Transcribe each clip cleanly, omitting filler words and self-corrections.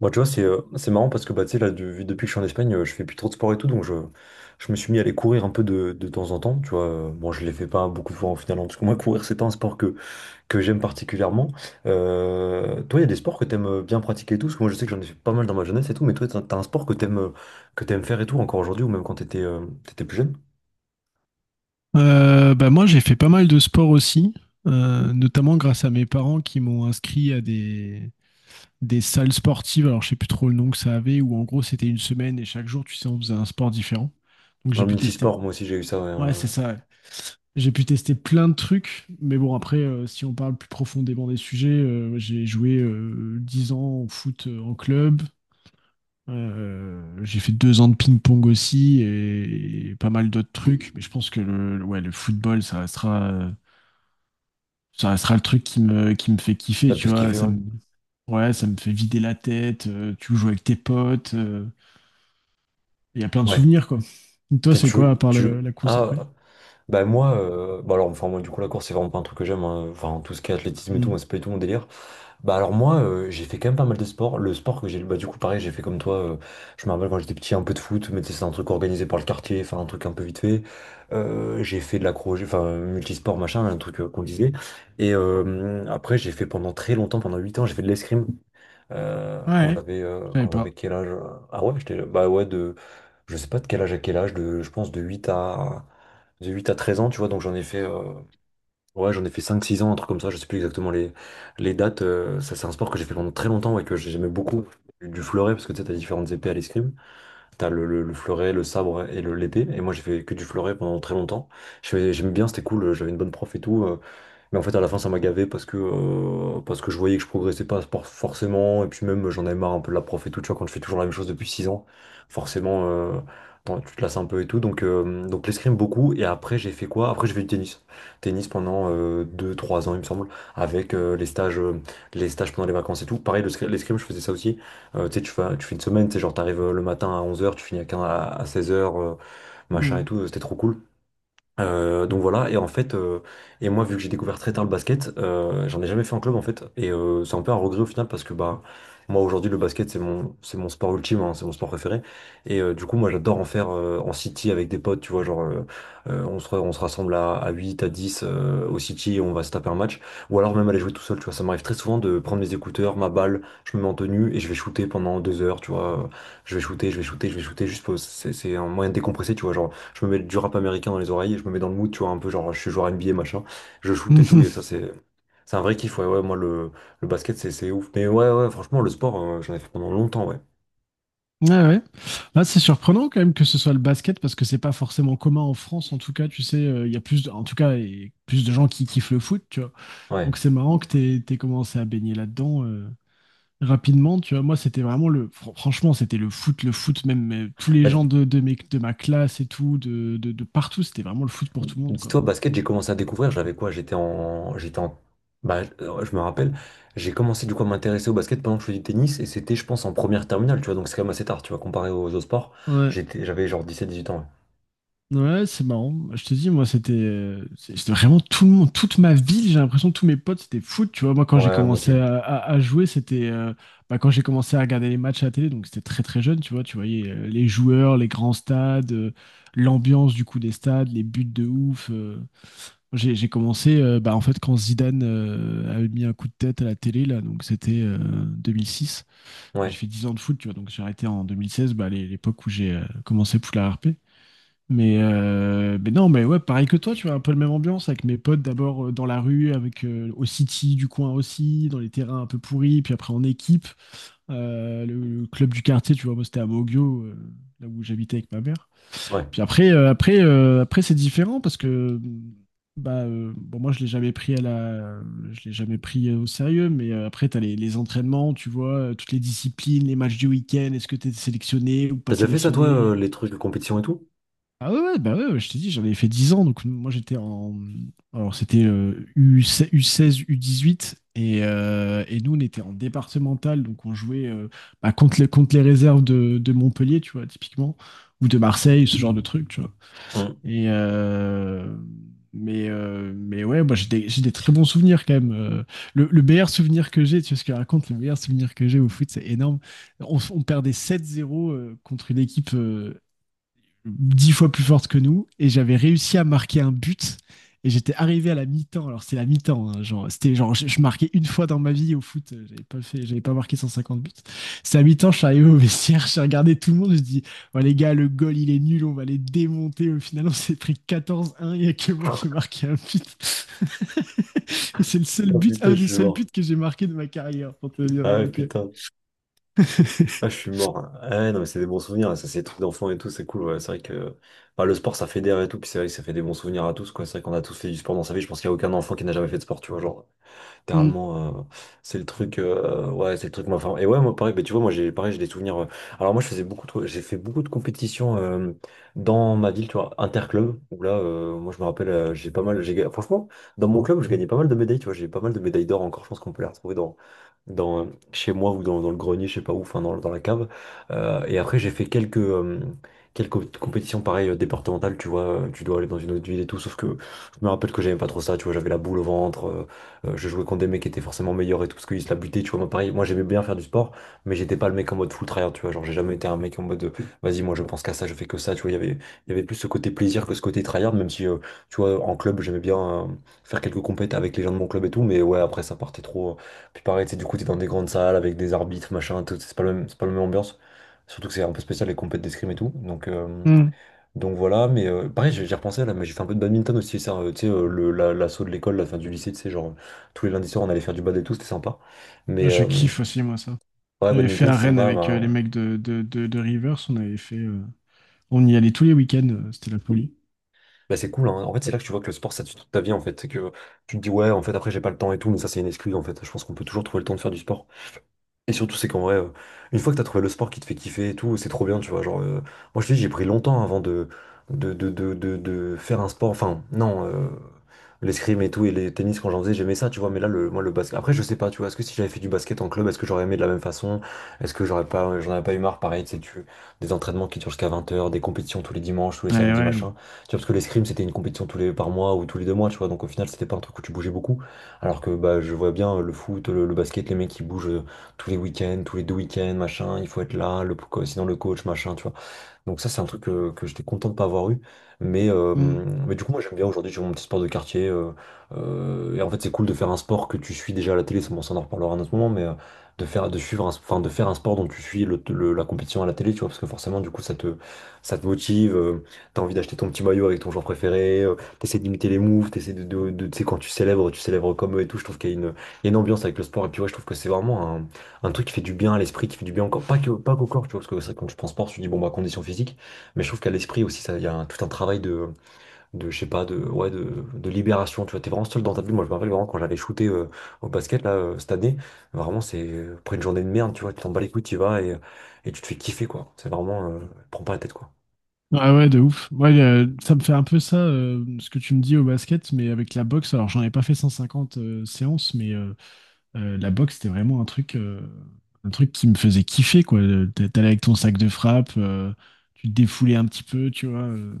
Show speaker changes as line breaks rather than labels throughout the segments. Moi, tu vois, c'est marrant parce que bah, tu sais, là, depuis que je suis en Espagne, je fais plus trop de sport et tout, je me suis mis à aller courir un peu de temps en temps, tu vois. Bon, je ne les fais pas beaucoup de fois en final, hein, parce que moi, courir, c'est pas un que j'aime particulièrement. Toi, il y a des sports que t'aimes bien pratiquer et tout, parce que moi, je sais que j'en ai fait pas mal dans ma jeunesse et tout, mais toi, t'as un sport que t'aimes faire et tout, encore aujourd'hui, ou même quand t'étais plus jeune?
Bah moi, j'ai fait pas mal de sport aussi, notamment grâce à mes parents qui m'ont inscrit à des salles sportives. Alors, je sais plus trop le nom que ça avait, où en gros, c'était une semaine et chaque jour, tu sais, on faisait un sport différent. Donc, j'ai
Un
pu tester.
multisport, moi aussi, j'ai eu ça,
Ouais, c'est ça. Ouais. J'ai pu tester plein de trucs. Mais bon, après, si on parle plus profondément des sujets, j'ai joué 10 ans au foot en club. J'ai fait 2 ans de ping-pong aussi et pas mal d'autres trucs. Mais je pense que ouais, le football, ça restera. Ça restera le truc qui me fait kiffer,
t'as un peu
tu vois.
kiffé, ouais.
Ouais, ça me fait vider la tête. Tu joues avec tes potes. Il y a plein de
Ouais.
souvenirs, quoi. Et toi,
T'es-
c'est quoi, à
Tu,
part
tu,
la course après?
ah, Bah moi, moi du coup la course c'est vraiment pas un truc que j'aime, hein. Enfin tout ce qui est athlétisme et tout,
Hmm.
moi c'est pas du tout mon délire. Bah alors moi j'ai fait quand même pas mal de sports. Le sport que j'ai, bah Du coup pareil j'ai fait comme toi. Je me rappelle quand j'étais petit un peu de foot, mais tu sais, c'est un truc organisé par le quartier, enfin un truc un peu vite fait. J'ai fait de l'accro, multisport machin, un truc qu'on disait. Et après j'ai fait pendant très longtemps, pendant 8 ans j'ai fait de l'escrime.
Ouais, je savais
Quand
pas.
j'avais quel âge? Ah ouais, j'étais bah ouais de je sais pas de quel âge à quel âge, de je pense de 8 à 13 ans, tu vois. Donc j'en ai fait ouais, j'en ai fait 5 6 ans un truc comme ça, je sais plus exactement les dates ça c'est un sport que j'ai fait pendant très longtemps et que j'aimais beaucoup du fleuret parce que tu sais t'as différentes épées à l'escrime, t'as le fleuret, le sabre et le l'épée et moi j'ai fait que du fleuret pendant très longtemps. J'aimais bien, c'était cool, j'avais une bonne prof et tout. Mais en fait, à la fin, ça m'a gavé parce que je voyais que je progressais pas por- forcément. Et puis même, j'en avais marre un peu de la prof et tout. Tu vois, quand je fais toujours la même chose depuis 6 ans, forcément, tu te lasses un peu et tout. Donc l'escrime beaucoup. Et après, j'ai fait quoi? Après, j'ai fait du tennis. Tennis pendant deux trois ans, il me semble, avec les stages pendant les vacances et tout. Pareil, l'escrime, je faisais ça aussi. Tu sais, tu fais une semaine, tu sais, genre, t'arrives le matin à 11 heures tu finis à 15 à 16 heures machin et tout. C'était trop cool. Donc voilà, et moi vu que j'ai découvert très tard le basket, j'en ai jamais fait en club en fait, et c'est un peu un regret au final parce que bah moi aujourd'hui le basket c'est mon sport ultime, hein, c'est mon sport préféré, et du coup moi j'adore en faire en city avec des potes, tu vois, genre on se rassemble à 8, à 10 au city et on va se taper un match, ou alors même aller jouer tout seul, tu vois, ça m'arrive très souvent de prendre mes écouteurs, ma balle, je me mets en tenue et je vais shooter pendant 2 heures, tu vois, je vais shooter, juste pour, c'est un moyen de décompresser, tu vois, genre. Je me mets du rap américain dans les oreilles et je me mets dans le mood, tu vois, un peu genre je suis joueur NBA, machin. Je shoot et tout, et ça c'est un vrai kiff, ouais, ouais, le basket c'est ouf. Mais ouais, ouais, franchement, le sport, j'en ai fait pendant longtemps, ouais.
Mhm. Ouais, ouais. Là, c'est surprenant quand même que ce soit le basket parce que c'est pas forcément commun en France. En tout cas, tu sais, il y a plus, en tout cas, et plus de gens qui kiffent le foot, tu vois.
Ouais.
Donc c'est marrant que t'aies commencé à baigner là-dedans. Rapidement, tu vois, moi, c'était vraiment le. Fr- Franchement, c'était le foot, même tous les
Bah, dis-
gens de ma classe et tout, de partout, c'était vraiment le foot pour tout le monde,
Dis-toi,
quoi.
basket, j'ai commencé à découvrir, j'avais quoi? Je me rappelle, j'ai commencé du coup à m'intéresser au basket pendant que je faisais du tennis, et c'était, je pense, en première terminale, tu vois, donc c'est quand même assez tard, tu vois, comparé aux autres sports.
Ouais,
J'avais genre 17-18 ans,
ouais, c'est marrant. Je te dis, moi, c'était vraiment tout le monde, toute ma ville, j'ai l'impression, que tous mes potes, c'était foot, tu vois. Moi, quand
ouais.
j'ai
Ouais, moi
commencé
aussi.
à jouer, c'était. Bah, quand j'ai commencé à regarder les matchs à la télé, donc c'était très, très jeune, tu vois, tu voyais les joueurs, les grands stades, l'ambiance, du coup, des stades, les buts de ouf. J'ai commencé bah, en fait quand Zidane avait mis un coup de tête à la télé là, donc c'était 2006. J'ai
Ouais,
fait 10 ans de foot, tu vois, donc j'ai arrêté en 2016, bah, l'époque où j'ai commencé Poula RP. Mais non, mais ouais, pareil que toi, tu vois, un peu la même ambiance avec mes potes d'abord dans la rue, avec au City du coin aussi, dans les terrains un peu pourris, puis après en équipe. Le club du quartier, tu vois, moi c'était à Mogio, là où j'habitais avec ma mère.
ouais.
Puis après c'est différent parce que bon, moi, je l'ai jamais pris au sérieux, mais après, tu as les entraînements, tu vois, toutes les disciplines, les matchs du week-end, est-ce que tu es sélectionné ou pas
T'as déjà fait ça, toi,
sélectionné?
les trucs compétition et tout?
Ah ouais, ouais, bah ouais, ouais, je t'ai dit, j'en ai fait 10 ans, donc moi, Alors, c'était U16, U16, U18, et nous, on était en départemental, donc on jouait bah, contre les réserves de Montpellier, tu vois, typiquement, ou de Marseille, ce genre de truc, tu vois.
Hum.
Et, euh, mais ouais, moi j'ai des très bons souvenirs quand même. Le meilleur souvenir que j'ai, tu vois ce que je raconte, le meilleur souvenir que j'ai au foot, c'est énorme. On perdait 7-0 contre une équipe 10 fois plus forte que nous et j'avais réussi à marquer un but et j'étais arrivé à la mi-temps. Alors c'est la mi-temps, hein, genre c'était genre je marquais une fois dans ma vie au foot, j'avais pas marqué 150 buts. C'est à mi-temps, je suis arrivé au vestiaire, j'ai regardé tout le monde, je dis "Ouais les gars, le goal il est nul, on va les démonter." Au final, on s'est pris 14-1, il y a que moi qui ai marqué un but. Et c'est le seul
Oh
but,
putain,
un
je
des
suis
seuls buts
mort.
que j'ai marqué de ma carrière pour te dire.
Ah ouais,
donc, euh.
putain. Ah, je suis mort. Ah ouais, non, mais c'est des bons souvenirs. Ça, c'est des trucs d'enfants et tout. C'est cool. Ouais. C'est vrai que enfin, le sport, ça fédère et tout. Puis c'est vrai que ça fait des bons souvenirs à tous, quoi. C'est vrai qu'on a tous fait du sport dans sa vie. Je pense qu'il n'y a aucun enfant qui n'a jamais fait de sport, tu vois. Genre,
Mm,
littéralement, ouais, c'est le truc, moi, enfin, et ouais, moi, pareil, bah, tu vois, moi, pareil, j'ai des souvenirs, alors moi, je faisais beaucoup de, j'ai fait beaucoup de compétitions, dans ma ville, tu vois, interclub, où là, moi, je me rappelle, j'ai pas mal, j'ai, ga- franchement, dans mon club, je gagnais pas mal de médailles, tu vois, j'ai pas mal de médailles d'or encore, je pense qu'on peut les retrouver dans, euh, chez moi ou dans le grenier, je sais pas où, enfin dans la cave. Et après, quelques compétitions, pareil, départementales, tu vois, tu dois aller dans une autre ville et tout, sauf que, je me rappelle que j'aimais pas trop ça, tu vois, j'avais la boule au ventre, je jouais contre des mecs qui étaient forcément meilleurs et tout, parce qu'ils se la butaient, tu vois. Moi, pareil, moi j'aimais bien faire du sport, mais j'étais pas le mec en mode full tryhard, tu vois. Genre, j'ai jamais été un mec en mode, vas-y, moi je pense qu'à ça, je fais que ça, tu vois. Il y avait plus ce côté plaisir que ce côté tryhard, même si, tu vois, en club, j'aimais bien euh, faire quelques compètes avec les gens de mon club et tout, mais ouais, après, ça partait trop. Puis pareil, tu sais, du coup, t'es dans des grandes salles avec des arbitres, machin, tout, c'est pas la même ambiance. Surtout que c'est un peu spécial les compètes d'escrime et tout. Donc,
mm.
voilà, mais pareil, j'ai repensé là, mais j'ai fait un peu de badminton aussi, ça, tu sais, l'assaut de l'école, la fin du lycée, tu sais, tous les lundis soirs, on allait faire du bad et tout, c'était sympa. Mais
Je kiffe aussi moi ça.
ouais,
On avait fait
badminton,
à
c'est
Rennes
sympa,
avec les mecs de Rivers. On avait fait. On y allait tous les week-ends. C'était la folie.
bah, c'est cool, hein. En fait, c'est là que tu vois que le sport, ça tue toute ta vie, en fait. C'est que tu te dis, ouais, en fait, après, j'ai pas le temps et tout, mais ça, c'est une excuse, en fait. Je pense qu'on peut toujours trouver le temps de faire du sport. Et surtout, c'est qu'en vrai, une fois que t'as trouvé le sport qui te fait kiffer et tout, c'est trop bien, tu vois. Genre, moi, je te dis, j'ai pris longtemps avant de faire un sport. Enfin, non, l'escrime et tout, et les tennis, quand j'en faisais, j'aimais ça, tu vois. Mais là, moi, le basket. Après, je sais pas, tu vois. Est-ce que si j'avais fait du basket en club, est-ce que j'aurais aimé de la même façon? Est-ce que j'en avais pas eu marre, pareil, tu sais, des entraînements qui durent jusqu'à 20 heures, des compétitions tous les dimanches, tous les
Ouais,
samedis,
ouais.
machin. Tu vois, parce que l'escrime, c'était une compétition par mois ou tous les 2 mois, tu vois. Donc, au final, c'était pas un truc où tu bougeais beaucoup. Alors que, bah, je vois bien euh, le foot, le basket, les mecs qui bougent. Tous les week-ends, tous les deux week-ends, machin, il faut être là, sinon le coach, machin, tu vois. Donc ça, c'est un truc que j'étais content de pas avoir eu. Mais,
Mm.
du coup, moi, j'aime bien aujourd'hui, j'ai mon petit sport de quartier. Et en fait, c'est cool de faire un sport que tu suis déjà à la télé. Ça, bon, ça, on en reparlera à un autre moment, mais de faire, de suivre un, enfin, de faire un sport dont tu suis la compétition à la télé, tu vois, parce que forcément, du coup, ça te motive. T'as envie d'acheter ton petit maillot avec ton joueur préféré. T'essaies d'imiter les moves, t'essaies tu sais, quand tu célèbres comme eux et tout. Je trouve qu'il y a une, il y a une ambiance avec le sport, et puis ouais, je trouve que c'est vraiment un truc qui fait du bien à l'esprit, qui fait du bien encore, pas que, pas qu'au corps, tu vois, parce que c'est vrai que quand je pense sport, je me dis, bon, bah, condition physique. Mais je trouve qu'à l'esprit aussi, ça, il y a tout un travail je sais pas, de, ouais, de libération, tu vois. T'es vraiment seul dans ta bulle. Moi, je me rappelle vraiment quand j'allais shooter au basket, là, cette année, vraiment, après une journée de merde, tu vois, tu t'en bats les couilles, tu y vas et tu te fais kiffer, quoi. C'est vraiment, prends pas la tête, quoi.
Ah ouais, de ouf. Ouais, ça me fait un peu ça, ce que tu me dis au basket, mais avec la boxe. Alors, j'en ai pas fait 150 séances, la boxe, c'était vraiment un truc qui me faisait kiffer, quoi. T'allais avec ton sac de frappe, tu te défoulais un petit peu, tu vois.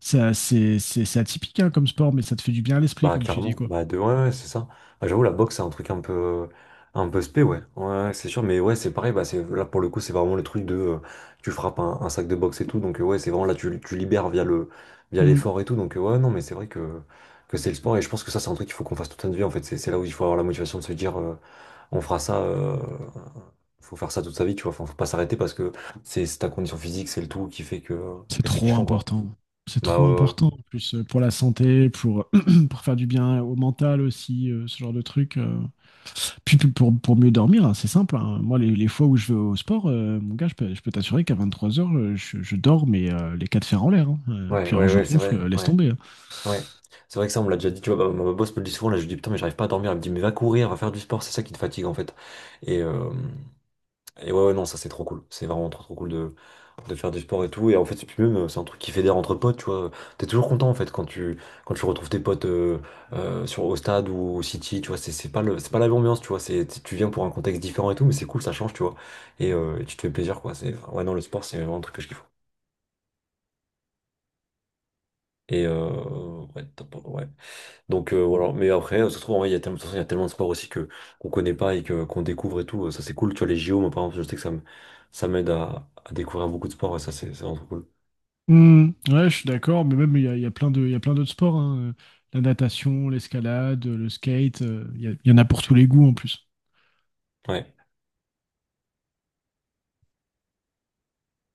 Ça, c'est atypique, hein, comme sport, mais ça te fait du bien à l'esprit,
Bah
comme tu dis,
clairement,
quoi.
bah de ouais, ouais c'est ça. Ah, j'avoue la boxe c'est un truc un peu spé ouais. Ouais, ouais, c'est sûr mais ouais, c'est pareil, bah c'est là pour le coup, c'est vraiment le truc de tu frappes un sac de boxe et tout, donc ouais, c'est vraiment là tu, tu libères via le via l'effort et tout, donc ouais, non mais c'est vrai que c'est le sport et je pense que ça c'est un truc qu'il faut qu'on fasse toute notre vie en fait. C'est là où il faut avoir la motivation de se dire on fera ça faut faire ça toute sa vie, tu vois. Enfin, faut pas s'arrêter parce que c'est ta condition physique, c'est le tout qui fait que
C'est
c'est
trop
kiffant quoi.
important. C'est
Bah
trop
ouais,
important en plus pour la santé, pour faire du bien au mental aussi, ce genre de truc. Puis pour mieux dormir, hein, c'est simple, hein. Moi, les fois où je vais au sport, mon gars, je peux t'assurer qu'à 23h, je dors, mais les quatre fers en l'air, hein.
ouais, ouais,
Puis alors,
ouais,
je
ouais, c'est
ronfle,
vrai.
laisse
Ouais.
tomber, hein.
Ouais, c'est vrai que ça, on me l'a déjà dit, tu vois. Ma boss me le dit souvent, là, je lui dis, putain, mais j'arrive pas à dormir. Elle me dit, mais va courir, va faire du sport, c'est ça qui te fatigue, en fait. Et, euh, et ouais, ouais, non, ça, c'est trop cool, c'est vraiment trop, trop cool de faire du sport et tout. Et en fait, c'est puis même, c'est un truc qui fédère entre potes, tu vois. T'es toujours content, en fait, quand tu retrouves tes potes sur, au stade ou au City, tu vois. C'est pas le, c'est pas la même ambiance, tu vois, c'est, tu viens pour un contexte différent et tout, mais c'est cool, ça change, tu vois. Et, et tu te fais plaisir, quoi, c'est, enfin, ouais, non, le sport, c'est vraiment un truc que je kiffe. Et, ouais, top, ouais. Donc voilà. Mais après, ça se trouve, en vrai, il y a tellement, de toute façon, il y a tellement de sports aussi que qu'on connaît pas et que qu'on découvre et tout. Ça, c'est cool. Tu vois, les JO, moi, par exemple, je sais que ça me, ça m'aide à découvrir beaucoup de sports. Et ça, c'est vraiment trop cool.
Hmm, ouais, je suis d'accord, mais même il y a plein d'autres sports, hein. La natation, l'escalade, le skate, il y en a pour tous les goûts en plus.
Ouais.